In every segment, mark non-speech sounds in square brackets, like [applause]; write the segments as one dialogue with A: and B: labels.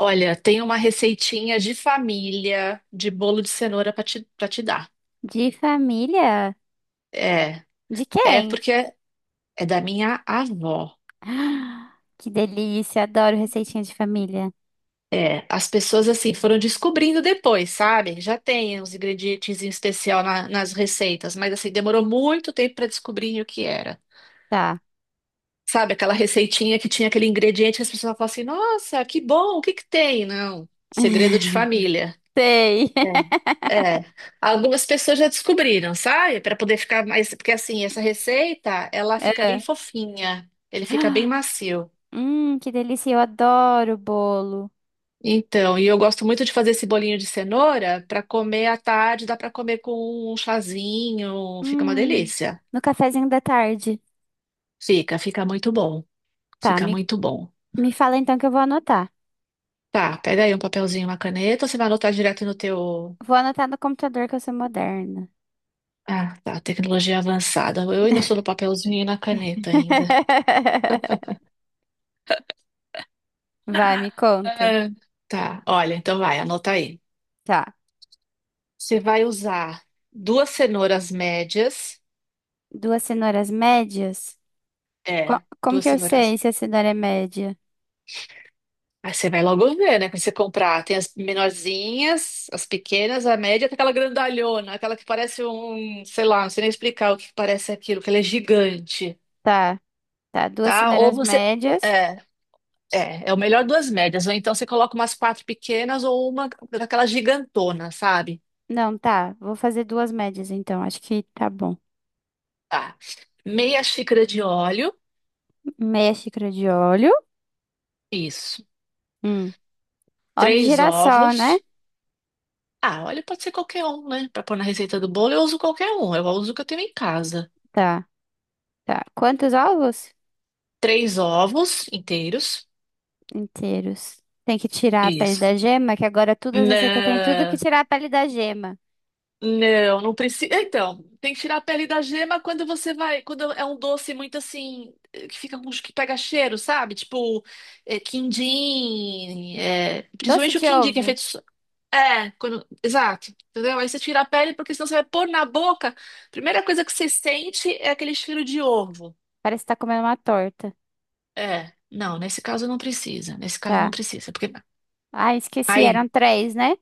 A: Olha, tem uma receitinha de família de bolo de cenoura para te dar.
B: De família?
A: É,
B: De
A: é
B: quem? [gasps]
A: porque é da minha avó.
B: Ah, que delícia, adoro receitinha de família.
A: É, as pessoas assim foram descobrindo depois, sabe? Já tem uns ingredientes em especial nas receitas, mas assim demorou muito tempo para descobrir o que era.
B: Tá.
A: Sabe aquela receitinha que tinha aquele ingrediente que as pessoas falam assim: "Nossa, que bom, o que que tem?" Não, segredo de família.
B: [laughs] Sei. [laughs]
A: É, é. Algumas pessoas já descobriram, sabe? Para poder ficar mais. Porque assim, essa receita, ela fica bem
B: É.
A: fofinha, ele fica bem macio.
B: Que delícia, eu adoro bolo.
A: Então, e eu gosto muito de fazer esse bolinho de cenoura para comer à tarde, dá para comer com um chazinho, fica uma
B: Hum,
A: delícia.
B: no cafezinho da tarde.
A: Fica muito bom.
B: Tá,
A: Fica
B: me,
A: muito bom.
B: me fala então que eu vou anotar.
A: Tá, pega aí um papelzinho, uma caneta, ou você vai anotar direto no teu.
B: Vou anotar no computador que eu sou moderna.
A: Ah, tá, tecnologia avançada. Eu ainda sou no papelzinho e na caneta ainda.
B: [laughs] Vai, me conta.
A: Ah, Tá, olha, então vai, anota aí.
B: Tá.
A: Você vai usar duas cenouras médias.
B: Duas cenouras médias? Co-
A: É,
B: como
A: duas
B: que eu
A: cenouras.
B: sei se a cenoura é média?
A: Aí você vai logo ver, né? Quando você comprar, tem as menorzinhas, as pequenas, a média, tem aquela grandalhona, aquela que parece um, sei lá, não sei nem explicar o que parece aquilo, que ela é gigante,
B: Tá, tá. Duas
A: tá? Ou
B: cenouras
A: você.
B: médias.
A: É, é o melhor duas médias. Ou então você coloca umas quatro pequenas ou uma daquela gigantona, sabe?
B: Não, tá. Vou fazer duas médias então. Acho que tá bom.
A: Tá. Meia xícara de óleo,
B: Meia xícara de óleo.
A: isso.
B: Hum. Óleo de
A: Três
B: girassol, né?
A: ovos. Ah, óleo pode ser qualquer um, né? Para pôr na receita do bolo, eu uso qualquer um. Eu uso o que eu tenho em casa.
B: Tá, tá. Quantos ovos?
A: Três ovos inteiros.
B: Inteiros. Tem que tirar a pele da
A: Isso.
B: gema, que agora tudo as receitas têm tudo que
A: Não,
B: tirar a pele da gema.
A: não precisa. Então, tem que tirar a pele da gema quando você vai. Quando é um doce muito assim. Que fica com. Que pega cheiro, sabe? Tipo, quindim.
B: Doce
A: Principalmente o
B: de
A: quindim, que é
B: ovo.
A: feito. É, quando, exato. Entendeu? Aí você tira a pele, porque senão você vai pôr na boca. A primeira coisa que você sente é aquele cheiro de ovo.
B: Parece que tá comendo uma torta.
A: É, não, nesse caso não precisa. Nesse caso não
B: Tá.
A: precisa, porque
B: Ah, esqueci,
A: aí
B: eram três, né?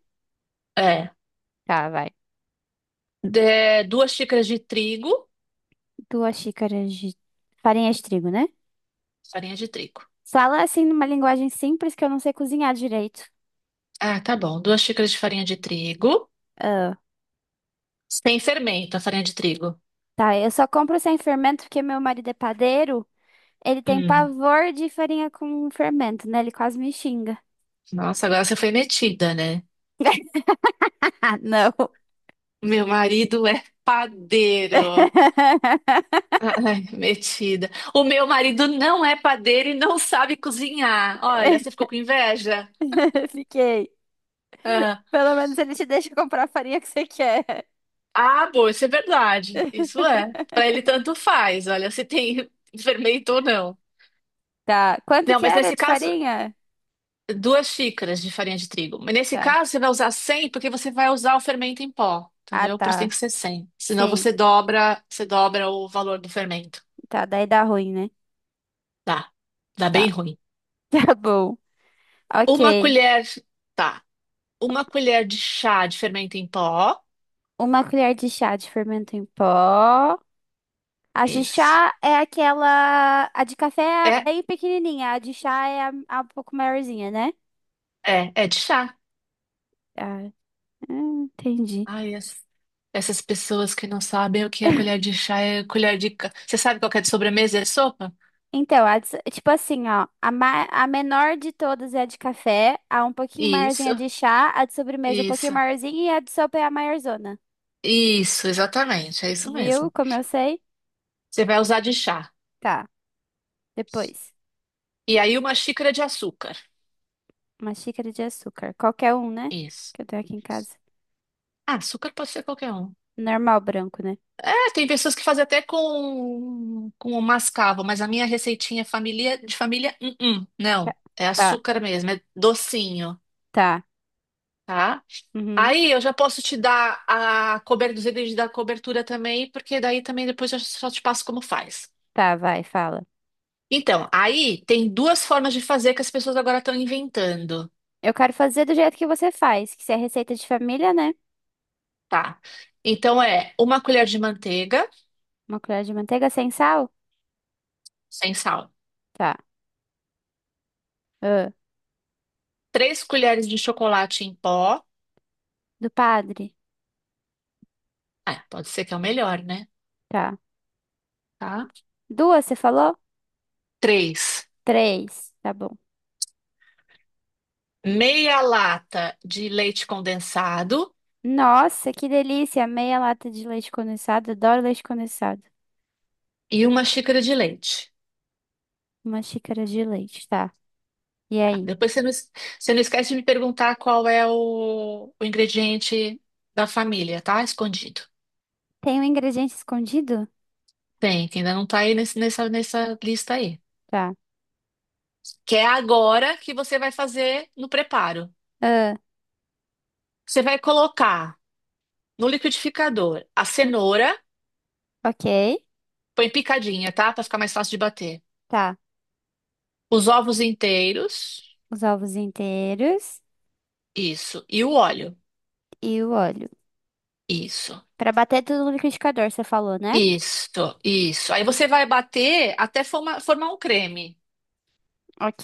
A: é
B: Tá, vai.
A: duas xícaras de trigo,
B: Duas xícaras de farinha de trigo, né?
A: farinha de trigo.
B: Fala assim numa linguagem simples que eu não sei cozinhar direito.
A: Ah, tá bom. Duas xícaras de farinha de trigo, sem fermento, a farinha de trigo.
B: Tá, eu só compro sem fermento porque meu marido é padeiro. Ele tem
A: Hum,
B: pavor de farinha com fermento, né? Ele quase me xinga.
A: nossa, agora você foi metida, né?
B: [laughs] Ah, não.
A: Meu marido é padeiro. Ai, metida. O meu marido não é padeiro e não sabe cozinhar. Olha, você ficou
B: [laughs]
A: com inveja?
B: Fiquei. Pelo menos ele te deixa comprar a farinha que você quer.
A: Ah, boa, isso é verdade. Isso é. Para
B: [laughs]
A: ele tanto faz, olha, se tem [laughs] fermento ou não.
B: Tá. Quanto
A: Não,
B: que
A: mas
B: era
A: nesse
B: de
A: caso,
B: farinha?
A: duas xícaras de farinha de trigo. Mas nesse
B: Tá.
A: caso, você vai usar 100 porque você vai usar o fermento em pó,
B: Ah,
A: entendeu? Por isso tem
B: tá.
A: que ser 100. Senão
B: Sim.
A: você dobra o valor do fermento.
B: Tá, daí dá ruim, né?
A: Dá. Dá bem
B: Tá.
A: ruim.
B: [laughs] Tá bom.
A: Uma
B: Ok.
A: colher, tá. Uma colher de chá de fermento em pó.
B: Uma colher de chá de fermento em pó. A de
A: Isso.
B: chá é aquela. A de café é
A: É,
B: bem pequenininha, a de chá é a um pouco maiorzinha, né?
A: é de chá.
B: Ah, entendi.
A: Ai, é. Essas pessoas que não sabem o que é colher de chá é colher de. Você sabe qual que é de sobremesa? É sopa?
B: Então, a de- tipo assim, ó, a menor de todas é a de café, a um pouquinho maiorzinha
A: Isso,
B: é de chá, a de sobremesa um pouquinho
A: isso,
B: maiorzinha e a de sopa é a maiorzona.
A: isso, exatamente, é isso
B: Viu
A: mesmo.
B: como eu sei?
A: Você vai usar de chá.
B: Tá, depois.
A: E aí uma xícara de açúcar.
B: Uma xícara de açúcar. Qualquer um, né?
A: Isso.
B: Que eu tenho aqui em casa.
A: Ah, açúcar pode ser qualquer um.
B: Normal branco, né?
A: É, tem pessoas que fazem até com o mascavo, mas a minha receitinha é família, de família,
B: Tá,
A: não. É
B: tá.
A: açúcar mesmo, é docinho,
B: Tá,
A: tá?
B: uhum.
A: Aí eu já posso te dar a cobertura, os itens da cobertura também, porque daí também depois eu só te passo como faz.
B: Tá, vai, fala.
A: Então, aí tem duas formas de fazer que as pessoas agora estão inventando,
B: Eu quero fazer do jeito que você faz, que se é receita de família, né?
A: tá? Então é uma colher de manteiga
B: Uma colher de manteiga sem sal?
A: sem sal,
B: Tá. Ah,
A: três colheres de chocolate em pó,
B: do padre?
A: ah, pode ser que é o melhor, né?
B: Tá.
A: Tá?
B: Duas, você falou?
A: Três,
B: Três. Tá bom.
A: meia lata de leite condensado
B: Nossa, que delícia! Meia lata de leite condensado. Adoro leite condensado.
A: e uma xícara de leite.
B: Uma xícara de leite, tá. E aí?
A: Depois você não, você não esquece de me perguntar qual é o ingrediente da família, tá? Escondido.
B: Tem um ingrediente escondido?
A: Tem, que ainda não tá aí nessa lista aí.
B: Tá.
A: Que é agora que você vai fazer no preparo.
B: Ah,
A: Você vai colocar no liquidificador a
B: hum,
A: cenoura,
B: ok.
A: põe picadinha, tá? Pra ficar mais fácil de bater.
B: Tá.
A: Os ovos inteiros,
B: Os ovos inteiros
A: isso. E o óleo,
B: e o óleo.
A: isso.
B: Pra bater tudo no liquidificador, você falou, né?
A: Isso, isso. Aí você vai bater até formar um creme.
B: Ok.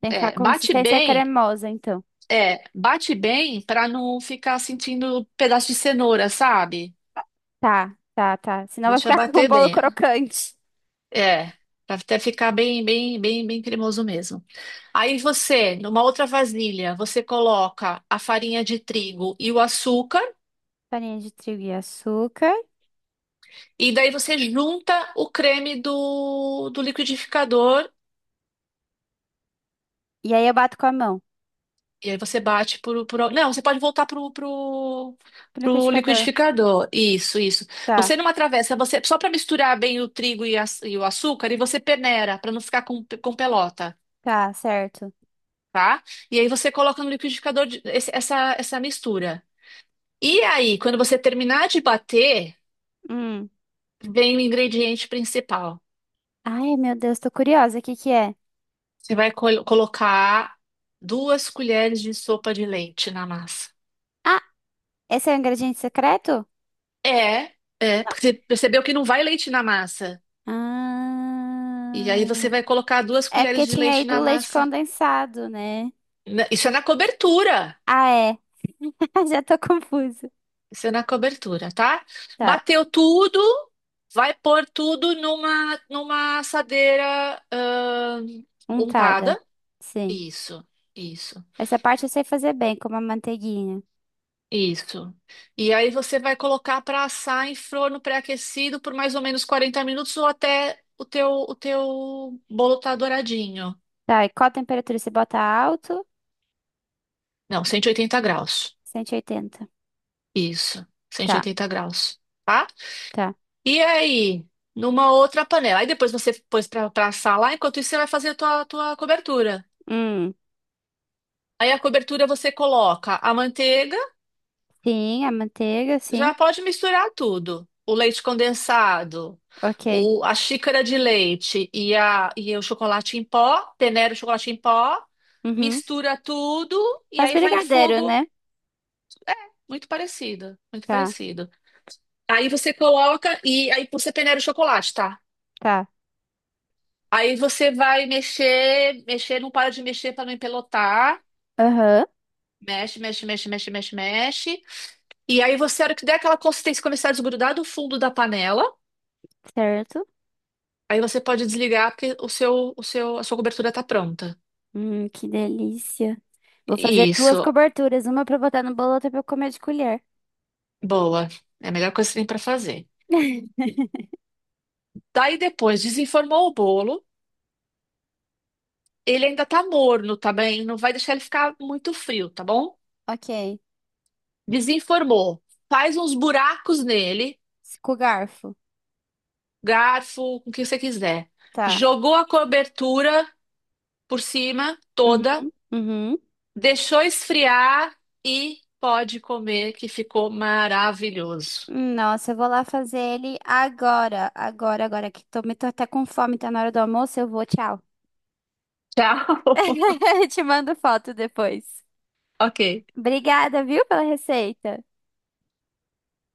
B: Tem que ficar
A: É,
B: com
A: bate
B: consistência
A: bem
B: cremosa, então.
A: É, bate bem pra não ficar sentindo pedaço de cenoura, sabe?
B: Tá, tá, tá. Senão vai
A: Deixa
B: ficar [laughs] com um
A: bater
B: bolo
A: bem.
B: crocante.
A: É, pra até ficar bem, bem, bem, bem cremoso mesmo. Aí você, numa outra vasilha, você coloca a farinha de trigo e o açúcar,
B: Farinha de trigo e açúcar.
A: e daí você junta o creme do liquidificador.
B: E aí eu bato com a mão.
A: E aí você bate Não, você pode voltar
B: No
A: pro
B: liquidificador.
A: liquidificador. Isso, isso.
B: Tá,
A: Você numa travessa, você só para misturar bem o trigo e o açúcar, e você peneira para não ficar com pelota,
B: tá, certo.
A: tá? E aí você coloca no liquidificador essa mistura. E aí, quando você terminar de bater,
B: Hum.
A: vem o ingrediente principal.
B: Ai, meu Deus, tô curiosa. O que que é?
A: Você vai colocar duas colheres de sopa de leite na massa.
B: Ah, esse é o ingrediente secreto?
A: É, é,
B: Não.
A: porque você percebeu que não vai leite na massa. E aí você
B: Ah.
A: vai colocar duas
B: É
A: colheres
B: porque
A: de
B: tinha aí
A: leite na
B: do leite
A: massa.
B: condensado, né?
A: Isso é na cobertura.
B: Ah, é. [laughs] Já tô confusa.
A: Isso é na cobertura, tá?
B: Tá,
A: Bateu tudo, vai pôr tudo numa, numa assadeira,
B: untada.
A: untada.
B: Sim.
A: Isso, isso,
B: Essa parte eu sei fazer bem, como a manteiguinha.
A: isso. E aí você vai colocar para assar em forno pré-aquecido por mais ou menos 40 minutos ou até o teu bolo tá douradinho.
B: Tá, e qual a temperatura? Você bota alto?
A: Não, 180 graus.
B: 180.
A: Isso,
B: Tá.
A: 180 graus. Tá?
B: Tá.
A: E aí, numa outra panela. Aí depois você pôs pra assar lá, enquanto isso você vai fazer a tua, tua cobertura.
B: Hum,
A: Aí a cobertura você coloca a manteiga,
B: sim, a manteiga, sim.
A: já pode misturar tudo. O leite condensado,
B: Ok.
A: o, a xícara de leite e o chocolate em pó, peneira o chocolate em pó,
B: Uhum.
A: mistura tudo e
B: Faz
A: aí vai em
B: brigadeiro,
A: fogo
B: né?
A: muito parecido, muito
B: Tá,
A: parecido. Aí você coloca e aí você peneira o chocolate, tá?
B: tá.
A: Aí você vai mexer, mexer, não para de mexer para não empelotar.
B: Aham,
A: Mexe, mexe, mexe, mexe, mexe, mexe. E aí você, a hora que der aquela consistência, começar a desgrudar do fundo da panela,
B: certo.
A: aí você pode desligar porque a sua cobertura tá pronta.
B: Que delícia. Vou fazer duas
A: Isso,
B: coberturas, uma pra botar no bolo, outra pra eu comer de colher.
A: boa. É a melhor coisa que você tem para fazer.
B: [laughs]
A: Daí depois, desenformou o bolo. Ele ainda tá morno, tá bem? Não vai deixar ele ficar muito frio, tá bom?
B: Ok.
A: Desenformou. Faz uns buracos nele.
B: Com garfo.
A: Garfo, o que você quiser.
B: Tá.
A: Jogou a cobertura por cima toda,
B: Uhum, uhum.
A: deixou esfriar e pode comer, que ficou maravilhoso.
B: Nossa, eu vou lá fazer ele agora. Agora, agora que tô até com fome, tá na hora do almoço, eu vou, tchau.
A: Tchau. [laughs]
B: [laughs] Te mando foto depois.
A: Ok.
B: Obrigada, viu, pela receita.